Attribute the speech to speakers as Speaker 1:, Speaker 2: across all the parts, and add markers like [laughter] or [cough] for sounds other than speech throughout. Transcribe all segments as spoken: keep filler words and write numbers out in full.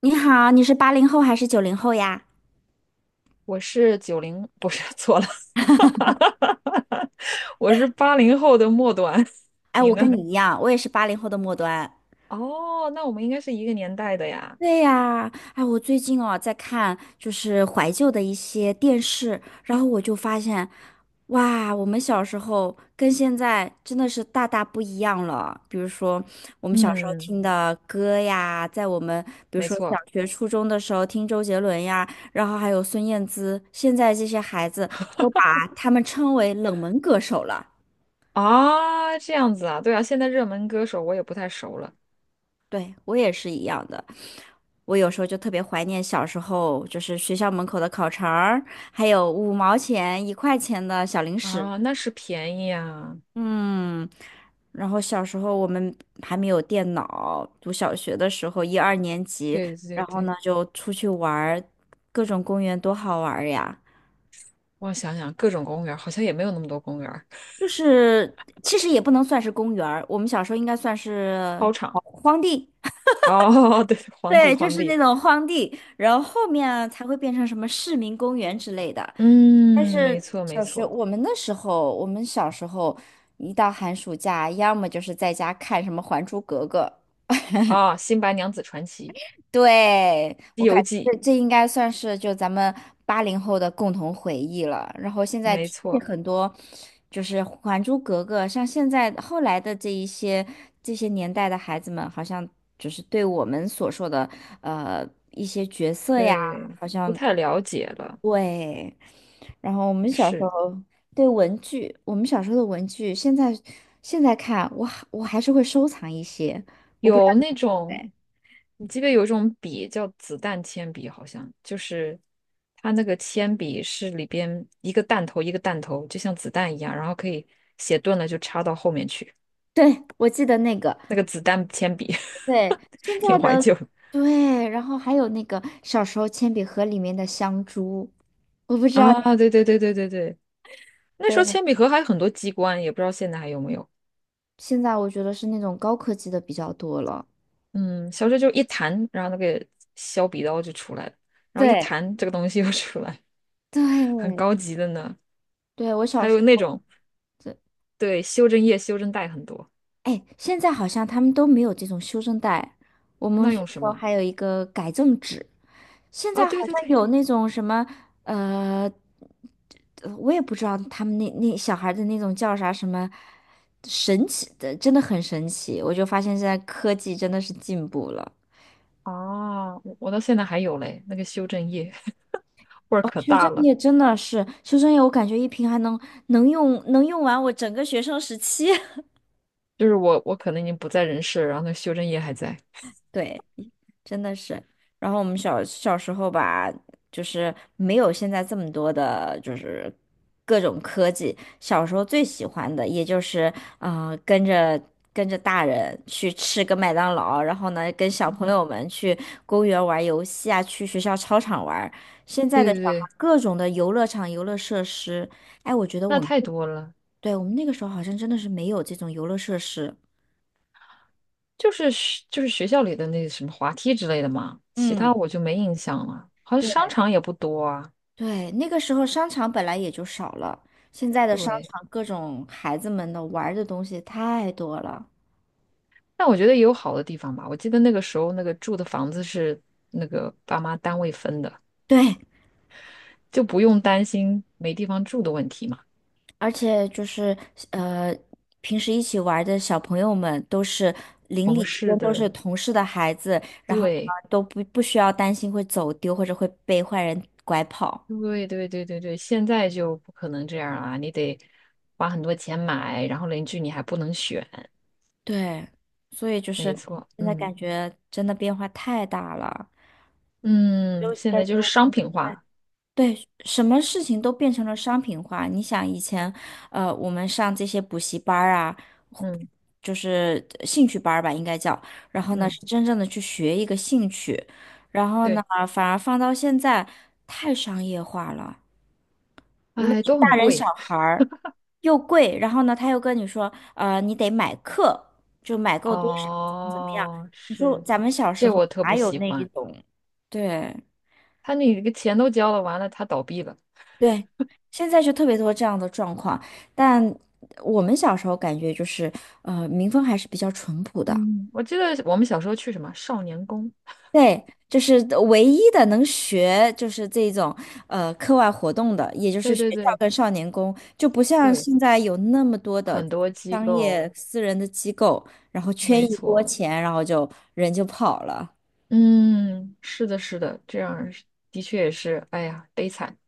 Speaker 1: 你好，你是八零后还是九零后呀？
Speaker 2: 我是九零，不是，[laughs] 错了，[laughs] 我是八零后的末端，
Speaker 1: 哎，
Speaker 2: 你
Speaker 1: 我跟
Speaker 2: 呢？
Speaker 1: 你一样，我也是八零后的末端。
Speaker 2: 哦，那我们应该是一个年代的呀。
Speaker 1: 对呀。哎，我最近哦在看就是怀旧的一些电视，然后我就发现，哇，我们小时候跟现在真的是大大不一样了。比如说我们小时候
Speaker 2: 嗯，
Speaker 1: 听的歌呀，在我们比如
Speaker 2: 没
Speaker 1: 说小
Speaker 2: 错
Speaker 1: 学、初中的时候听周杰伦呀，然后还有孙燕姿，现在这些孩子都把他们称为冷门歌手了。
Speaker 2: 啊，这样子啊，对啊，现在热门歌手我也不太熟了
Speaker 1: 对，我也是一样的。我有时候就特别怀念小时候，就是学校门口的烤肠儿，还有五毛钱、一块钱的小零食。
Speaker 2: 啊，那是便宜啊，
Speaker 1: 嗯。然后小时候我们还没有电脑，读小学的时候，一二年级，
Speaker 2: 对对
Speaker 1: 然
Speaker 2: 对
Speaker 1: 后
Speaker 2: 对，
Speaker 1: 呢就出去玩儿，各种公园多好玩儿呀！
Speaker 2: 我想想，各种公园儿好像也没有那么多公园儿，
Speaker 1: 就是其实也不能算是公园儿，我们小时候应该算是
Speaker 2: 操场
Speaker 1: 荒地。
Speaker 2: 哦，[laughs] 对，皇帝
Speaker 1: 对，就
Speaker 2: 皇
Speaker 1: 是那
Speaker 2: 帝，
Speaker 1: 种荒地，然后后面啊才会变成什么市民公园之类的。但
Speaker 2: 嗯，没
Speaker 1: 是
Speaker 2: 错没
Speaker 1: 小学
Speaker 2: 错，
Speaker 1: 我们那时候，我们小时候一到寒暑假，要么就是在家看什么《还珠格格》。
Speaker 2: 啊，《新白娘子传奇》
Speaker 1: 对，
Speaker 2: 《西
Speaker 1: 我感
Speaker 2: 游记》，
Speaker 1: 觉这这应该算是就咱们八零后的共同回忆了。然后现在
Speaker 2: 没
Speaker 1: 听
Speaker 2: 错，
Speaker 1: 很多，就是《还珠格格》，像现在后来的这一些这些年代的孩子们，好像就是对我们所说的呃一些角色呀。
Speaker 2: 对，不太了解了。
Speaker 1: 对，然后我们小时
Speaker 2: 是
Speaker 1: 候对文具，我们小时候的文具，现在现在看，我还我还是会收藏一些，我不知道
Speaker 2: 有
Speaker 1: 你
Speaker 2: 那
Speaker 1: 会不
Speaker 2: 种，
Speaker 1: 会。
Speaker 2: 你记不记得有一种笔叫子弹铅笔，好像就是它那个铅笔是里边一个弹头一个弹头，就像子弹一样，然后可以写钝了就插到后面去。
Speaker 1: 对，[laughs] 我记得那个。
Speaker 2: 那个子弹铅笔
Speaker 1: 对。现
Speaker 2: [laughs]
Speaker 1: 在
Speaker 2: 挺怀
Speaker 1: 的。
Speaker 2: 旧的
Speaker 1: 对，然后还有那个小时候铅笔盒里面的香珠，我不知道。
Speaker 2: 啊！对对对对对对，那时候
Speaker 1: 对，
Speaker 2: 铅笔盒还有很多机关，也不知道现在还有没有。
Speaker 1: 现在我觉得是那种高科技的比较多了。
Speaker 2: 嗯，小时候就一弹，然后那个削笔刀就出来了，然后一
Speaker 1: 对
Speaker 2: 弹这个东西又出来。很
Speaker 1: 对
Speaker 2: 高级的呢。
Speaker 1: 对，我小
Speaker 2: 还
Speaker 1: 时
Speaker 2: 有那
Speaker 1: 候。
Speaker 2: 种对修正液、修正带很多，
Speaker 1: 哎，现在好像他们都没有这种修正带，我们
Speaker 2: 那
Speaker 1: 是
Speaker 2: 用什
Speaker 1: 说
Speaker 2: 么？
Speaker 1: 还有一个改正纸，现
Speaker 2: 啊，
Speaker 1: 在好
Speaker 2: 对对
Speaker 1: 像
Speaker 2: 对，
Speaker 1: 有那种什么，呃呃我也不知道他们那那小孩的那种叫啥什么神奇的，真的很神奇。我就发现现在科技真的是进步了。
Speaker 2: 哦，我我到现在还有嘞，那个修正液味儿
Speaker 1: 哦，
Speaker 2: 可
Speaker 1: 修
Speaker 2: 大
Speaker 1: 正
Speaker 2: 了，
Speaker 1: 液真的是修正液，我感觉一瓶还能能用能用完我整个学生时期。[laughs]
Speaker 2: 就是我我可能已经不在人世了然后那个修正液还在。
Speaker 1: 对，真的是。然后我们小小时候吧，就是没有现在这么多的，就是各种科技。小时候最喜欢的，也就是呃，跟着跟着大人去吃个麦当劳，然后呢，跟小朋友们去公园玩游戏啊，去学校操场玩。现在
Speaker 2: 对
Speaker 1: 的
Speaker 2: 对
Speaker 1: 小孩
Speaker 2: 对，
Speaker 1: 各种的游乐场、游乐设施，哎，我觉得
Speaker 2: 那
Speaker 1: 我们，
Speaker 2: 太多了，
Speaker 1: 对，我们那个时候好像真的是没有这种游乐设施。
Speaker 2: 就是学就是学校里的那什么滑梯之类的嘛，其他
Speaker 1: 嗯。
Speaker 2: 我就没印象了，好像
Speaker 1: 对。
Speaker 2: 商场也不多啊。
Speaker 1: 对，那个时候商场本来也就少了，现在的商
Speaker 2: 对，
Speaker 1: 场各种孩子们的玩儿的东西太多了。
Speaker 2: 但我觉得也有好的地方吧。我记得那个时候那个住的房子是那个爸妈单位分的，
Speaker 1: 对，
Speaker 2: 就不用担心没地方住的问题嘛。
Speaker 1: 而且就是呃，平时一起玩儿的小朋友们都是邻
Speaker 2: 同
Speaker 1: 里之
Speaker 2: 事
Speaker 1: 间都是
Speaker 2: 的，
Speaker 1: 同事的孩子，然后呢
Speaker 2: 对，
Speaker 1: 都不不需要担心会走丢或者会被坏人拐跑。
Speaker 2: 对，对，对，对，对，现在就不可能这样啊，你得花很多钱买，然后邻居你还不能选，
Speaker 1: 对，所以就
Speaker 2: 没
Speaker 1: 是
Speaker 2: 错，
Speaker 1: 现在感
Speaker 2: 嗯
Speaker 1: 觉真的变化太大了，就
Speaker 2: 嗯，现
Speaker 1: 感
Speaker 2: 在就
Speaker 1: 觉。
Speaker 2: 是
Speaker 1: 我
Speaker 2: 商
Speaker 1: 们。
Speaker 2: 品化，
Speaker 1: 对，什么事情都变成了商品化。你想以前，呃，我们上这些补习班儿啊，
Speaker 2: 嗯
Speaker 1: 就是呃兴趣班儿吧，应该叫。然后呢，
Speaker 2: 嗯，
Speaker 1: 是真正的去学一个兴趣。然后呢，
Speaker 2: 对，
Speaker 1: 反而放到现在太商业化了，无论
Speaker 2: 哎，
Speaker 1: 是
Speaker 2: 都很
Speaker 1: 大人小
Speaker 2: 贵，
Speaker 1: 孩儿，又贵。然后呢，他又跟你说，呃，你得买课，就买够多少，怎么怎么样。
Speaker 2: 哦，
Speaker 1: 你说
Speaker 2: 是，
Speaker 1: 咱们小时
Speaker 2: 这
Speaker 1: 候
Speaker 2: 我特
Speaker 1: 哪
Speaker 2: 不
Speaker 1: 有
Speaker 2: 喜
Speaker 1: 那一
Speaker 2: 欢，
Speaker 1: 种？对。
Speaker 2: 他那个钱都交了，完了他倒闭了，
Speaker 1: 对，现在就特别多这样的状况，但我们小时候感觉就是，呃，民风还是比较淳朴的。
Speaker 2: 嗯，我记得我们小时候去什么少年宫，
Speaker 1: 对，就是唯一的能学就是这种呃课外活动的，也就是
Speaker 2: 对
Speaker 1: 学
Speaker 2: 对
Speaker 1: 校
Speaker 2: 对
Speaker 1: 跟少年宫，就不像
Speaker 2: 对，
Speaker 1: 现在有那么多的
Speaker 2: 很多机
Speaker 1: 商
Speaker 2: 构，
Speaker 1: 业私人的机构，然后圈
Speaker 2: 没
Speaker 1: 一波
Speaker 2: 错。
Speaker 1: 钱，然后就人就跑了。
Speaker 2: 嗯，是的，是的，这样是的确也是，哎呀，悲惨。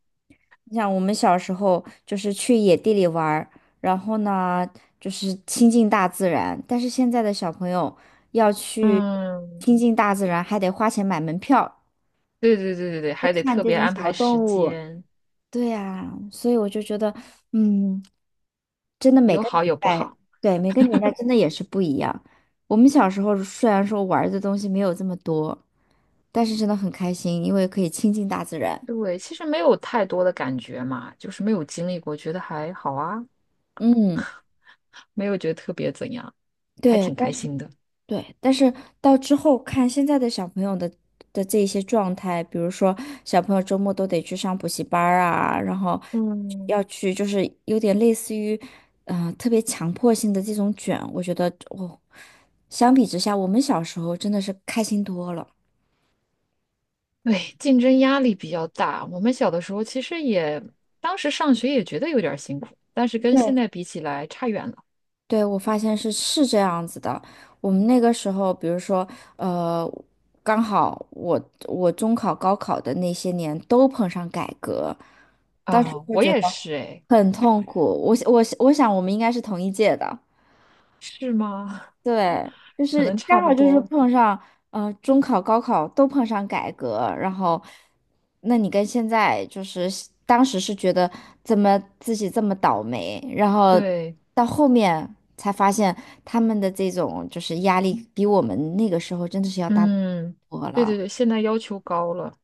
Speaker 1: 你想，我们小时候就是去野地里玩儿，然后呢，就是亲近大自然。但是现在的小朋友要去
Speaker 2: 嗯，
Speaker 1: 亲近大自然，还得花钱买门票
Speaker 2: 对对对对对，
Speaker 1: 去
Speaker 2: 还得
Speaker 1: 看
Speaker 2: 特
Speaker 1: 这
Speaker 2: 别
Speaker 1: 种
Speaker 2: 安
Speaker 1: 小
Speaker 2: 排
Speaker 1: 动
Speaker 2: 时
Speaker 1: 物。
Speaker 2: 间，
Speaker 1: 对呀，所以我就觉得，嗯，真的每
Speaker 2: 有
Speaker 1: 个
Speaker 2: 好
Speaker 1: 年
Speaker 2: 有不
Speaker 1: 代，
Speaker 2: 好。
Speaker 1: 对，每个年代真的也是不一样。我们小时候虽然说玩儿的东西没有这么多，但是真的很开心，因为可以亲近大自然。
Speaker 2: 对，其实没有太多的感觉嘛，就是没有经历过，觉得还好啊，
Speaker 1: 嗯。
Speaker 2: 没有觉得特别怎样，还
Speaker 1: 对。
Speaker 2: 挺开心的。
Speaker 1: 对，但是到之后看现在的小朋友的的这一些状态，比如说小朋友周末都得去上补习班儿啊，然后
Speaker 2: 嗯，
Speaker 1: 要去就是有点类似于，呃，特别强迫性的这种卷，我觉得我、相比之下，我们小时候真的是开心多了。
Speaker 2: 对，竞争压力比较大。我们小的时候其实也，当时上学也觉得有点儿辛苦，但是跟现
Speaker 1: 对。
Speaker 2: 在比起来差远了
Speaker 1: 对，我发现是是这样子的。我们那个时候，比如说，呃，刚好我我中考、高考的那些年都碰上改革，但是
Speaker 2: 啊。我
Speaker 1: 觉得。
Speaker 2: 也是，哎，
Speaker 1: 很痛苦。我我我想我们应该是同一届的。
Speaker 2: 是吗？
Speaker 1: 对，就
Speaker 2: 可
Speaker 1: 是
Speaker 2: 能
Speaker 1: 刚
Speaker 2: 差不
Speaker 1: 好就是
Speaker 2: 多。
Speaker 1: 碰上，呃，中考、高考都碰上改革，然后，那你跟现在就是当时是觉得怎么自己这么倒霉，然后
Speaker 2: 对，
Speaker 1: 到后面才发现他们的这种就是压力比我们那个时候真的是要大
Speaker 2: 嗯，
Speaker 1: 多
Speaker 2: 对对
Speaker 1: 了。
Speaker 2: 对，现在要求高了，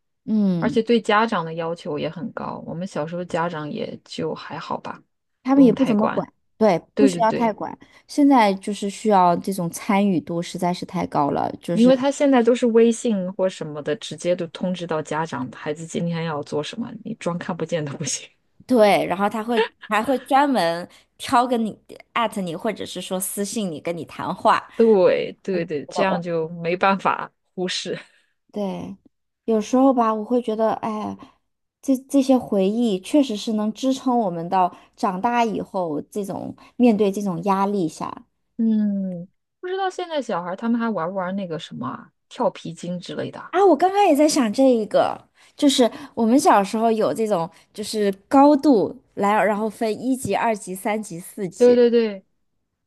Speaker 2: 而
Speaker 1: 嗯，
Speaker 2: 且对家长的要求也很高。我们小时候家长也就还好吧，
Speaker 1: 他
Speaker 2: 不
Speaker 1: 们也
Speaker 2: 用
Speaker 1: 不
Speaker 2: 太
Speaker 1: 怎么
Speaker 2: 管。
Speaker 1: 管。对，不
Speaker 2: 对
Speaker 1: 需
Speaker 2: 对
Speaker 1: 要太
Speaker 2: 对，
Speaker 1: 管。现在就是需要这种参与度实在是太高了，就
Speaker 2: 因为
Speaker 1: 是。
Speaker 2: 他现在都是微信或什么的，直接都通知到家长，孩子今天要做什么，你装看不见都不行。[laughs]
Speaker 1: 对，然后他会还会专门挑跟你艾特你，或者是说私信你跟你谈话。
Speaker 2: 对对对，这样
Speaker 1: 我，
Speaker 2: 就没办法忽视。[laughs]
Speaker 1: 对，有时候吧，我会觉得，哎，这这些回忆确实是能支撑我们到长大以后这种面对这种压力下。
Speaker 2: 嗯，不知道现在小孩儿他们还玩不玩那个什么啊跳皮筋之类的啊
Speaker 1: 啊，我刚刚也在想这一个，就是我们小时候有这种，就是高度来，然后分一级、二级、三级、四
Speaker 2: 对
Speaker 1: 级，
Speaker 2: 对对，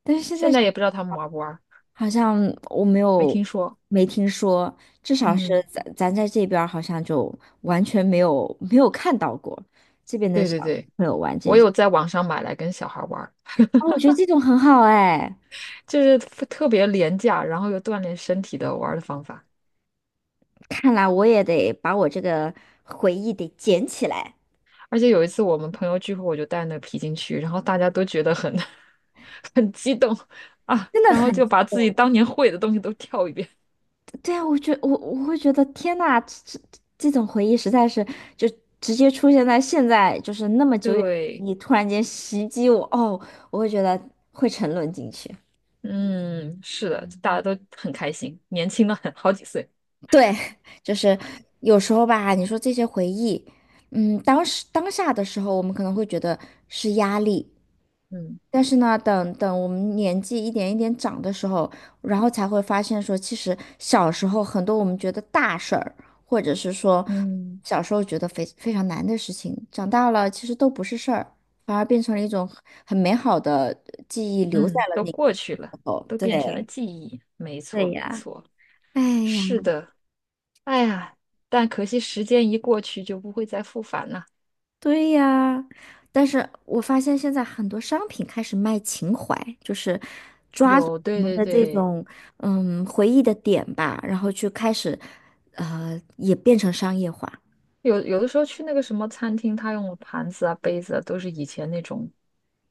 Speaker 1: 但是现在
Speaker 2: 现在
Speaker 1: 想
Speaker 2: 也不知道他们玩不玩。
Speaker 1: 好像我没
Speaker 2: 没
Speaker 1: 有
Speaker 2: 听说。
Speaker 1: 没听说，至少是
Speaker 2: 嗯，
Speaker 1: 咱咱在这边儿好像就完全没有没有看到过这边的
Speaker 2: 对对
Speaker 1: 小
Speaker 2: 对，
Speaker 1: 朋友玩
Speaker 2: 我
Speaker 1: 这些。
Speaker 2: 有在网上买来跟小孩玩儿，
Speaker 1: 哦，我觉得这种很好哎，
Speaker 2: 就是特特别廉价，然后又锻炼身体的玩儿的方法。
Speaker 1: 看来我也得把我这个回忆得捡起来，
Speaker 2: 而且有一次我们朋友聚会，我就带那个皮筋去，然后大家都觉得很 [laughs] 很激动啊，
Speaker 1: 真的
Speaker 2: 然后
Speaker 1: 很。
Speaker 2: 就把自己当年会的东西都跳一遍。
Speaker 1: 对啊，我觉我我会觉得天呐，这这这种回忆实在是就直接出现在现在，就是那么久远，
Speaker 2: 对，
Speaker 1: 你突然间袭击我，哦，我会觉得会沉沦进去。
Speaker 2: 嗯，是的，大家都很开心，年轻了很好几岁。
Speaker 1: 对，就是有时候吧，你说这些回忆，嗯，当时当下的时候，我们可能会觉得是压力，
Speaker 2: 嗯
Speaker 1: 但是呢，等等我们年纪一点一点长的时候，然后才会发现说，其实小时候很多我们觉得大事儿，或者是说
Speaker 2: 嗯
Speaker 1: 小时候觉得非非常难的事情，长大了其实都不是事儿，反而变成了一种很很美好的记忆，留在
Speaker 2: 嗯，
Speaker 1: 了
Speaker 2: 都
Speaker 1: 那个
Speaker 2: 过去
Speaker 1: 时
Speaker 2: 了，
Speaker 1: 候。
Speaker 2: 都变成了
Speaker 1: 对。
Speaker 2: 记忆。没错
Speaker 1: 对
Speaker 2: 没
Speaker 1: 呀，
Speaker 2: 错，
Speaker 1: 哎呀。
Speaker 2: 是的。哎呀，但可惜时间一过去就不会再复返了。
Speaker 1: 对呀，但是我发现现在很多商品开始卖情怀，就是抓住
Speaker 2: 有，
Speaker 1: 我
Speaker 2: 对
Speaker 1: 们
Speaker 2: 对
Speaker 1: 的这
Speaker 2: 对，
Speaker 1: 种嗯回忆的点吧，然后去开始，呃，也变成商业化。
Speaker 2: 有有的时候去那个什么餐厅，他用的盘子啊、杯子啊，都是以前那种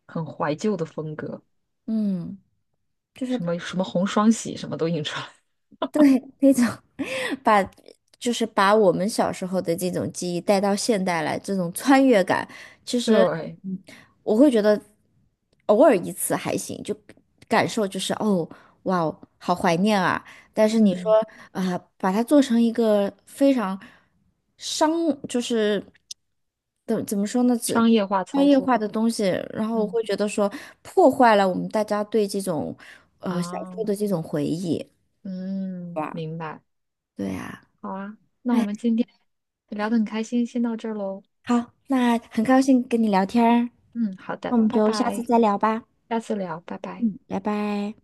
Speaker 2: 很怀旧的风格，
Speaker 1: 嗯。
Speaker 2: 什么什么红双喜，什么都印出来。
Speaker 1: 对，那种 [laughs] 把就是把我们小时候的这种记忆带到现代来，这种穿越感，其
Speaker 2: [laughs]
Speaker 1: 实
Speaker 2: 对，
Speaker 1: 嗯我会觉得偶尔一次还行，就感受就是哦，哇哦，好怀念啊！但是你说
Speaker 2: 嗯，
Speaker 1: 啊、把它做成一个非常商，就是怎怎么说呢，只
Speaker 2: 商业化
Speaker 1: 商
Speaker 2: 操
Speaker 1: 业
Speaker 2: 作，
Speaker 1: 化的东西，然后我
Speaker 2: 嗯
Speaker 1: 会觉得说破坏了我们大家对这种呃小时
Speaker 2: 啊，
Speaker 1: 候的这种回忆。
Speaker 2: 嗯，明白。
Speaker 1: 对啊。
Speaker 2: 好啊，那我们今天聊得很开心，先到这儿喽。
Speaker 1: 好，那很高兴跟你聊天儿，
Speaker 2: 嗯，好
Speaker 1: 那我
Speaker 2: 的，
Speaker 1: 们
Speaker 2: 拜
Speaker 1: 就下次
Speaker 2: 拜，
Speaker 1: 再聊吧。
Speaker 2: 下次聊，拜拜。
Speaker 1: 嗯，拜拜。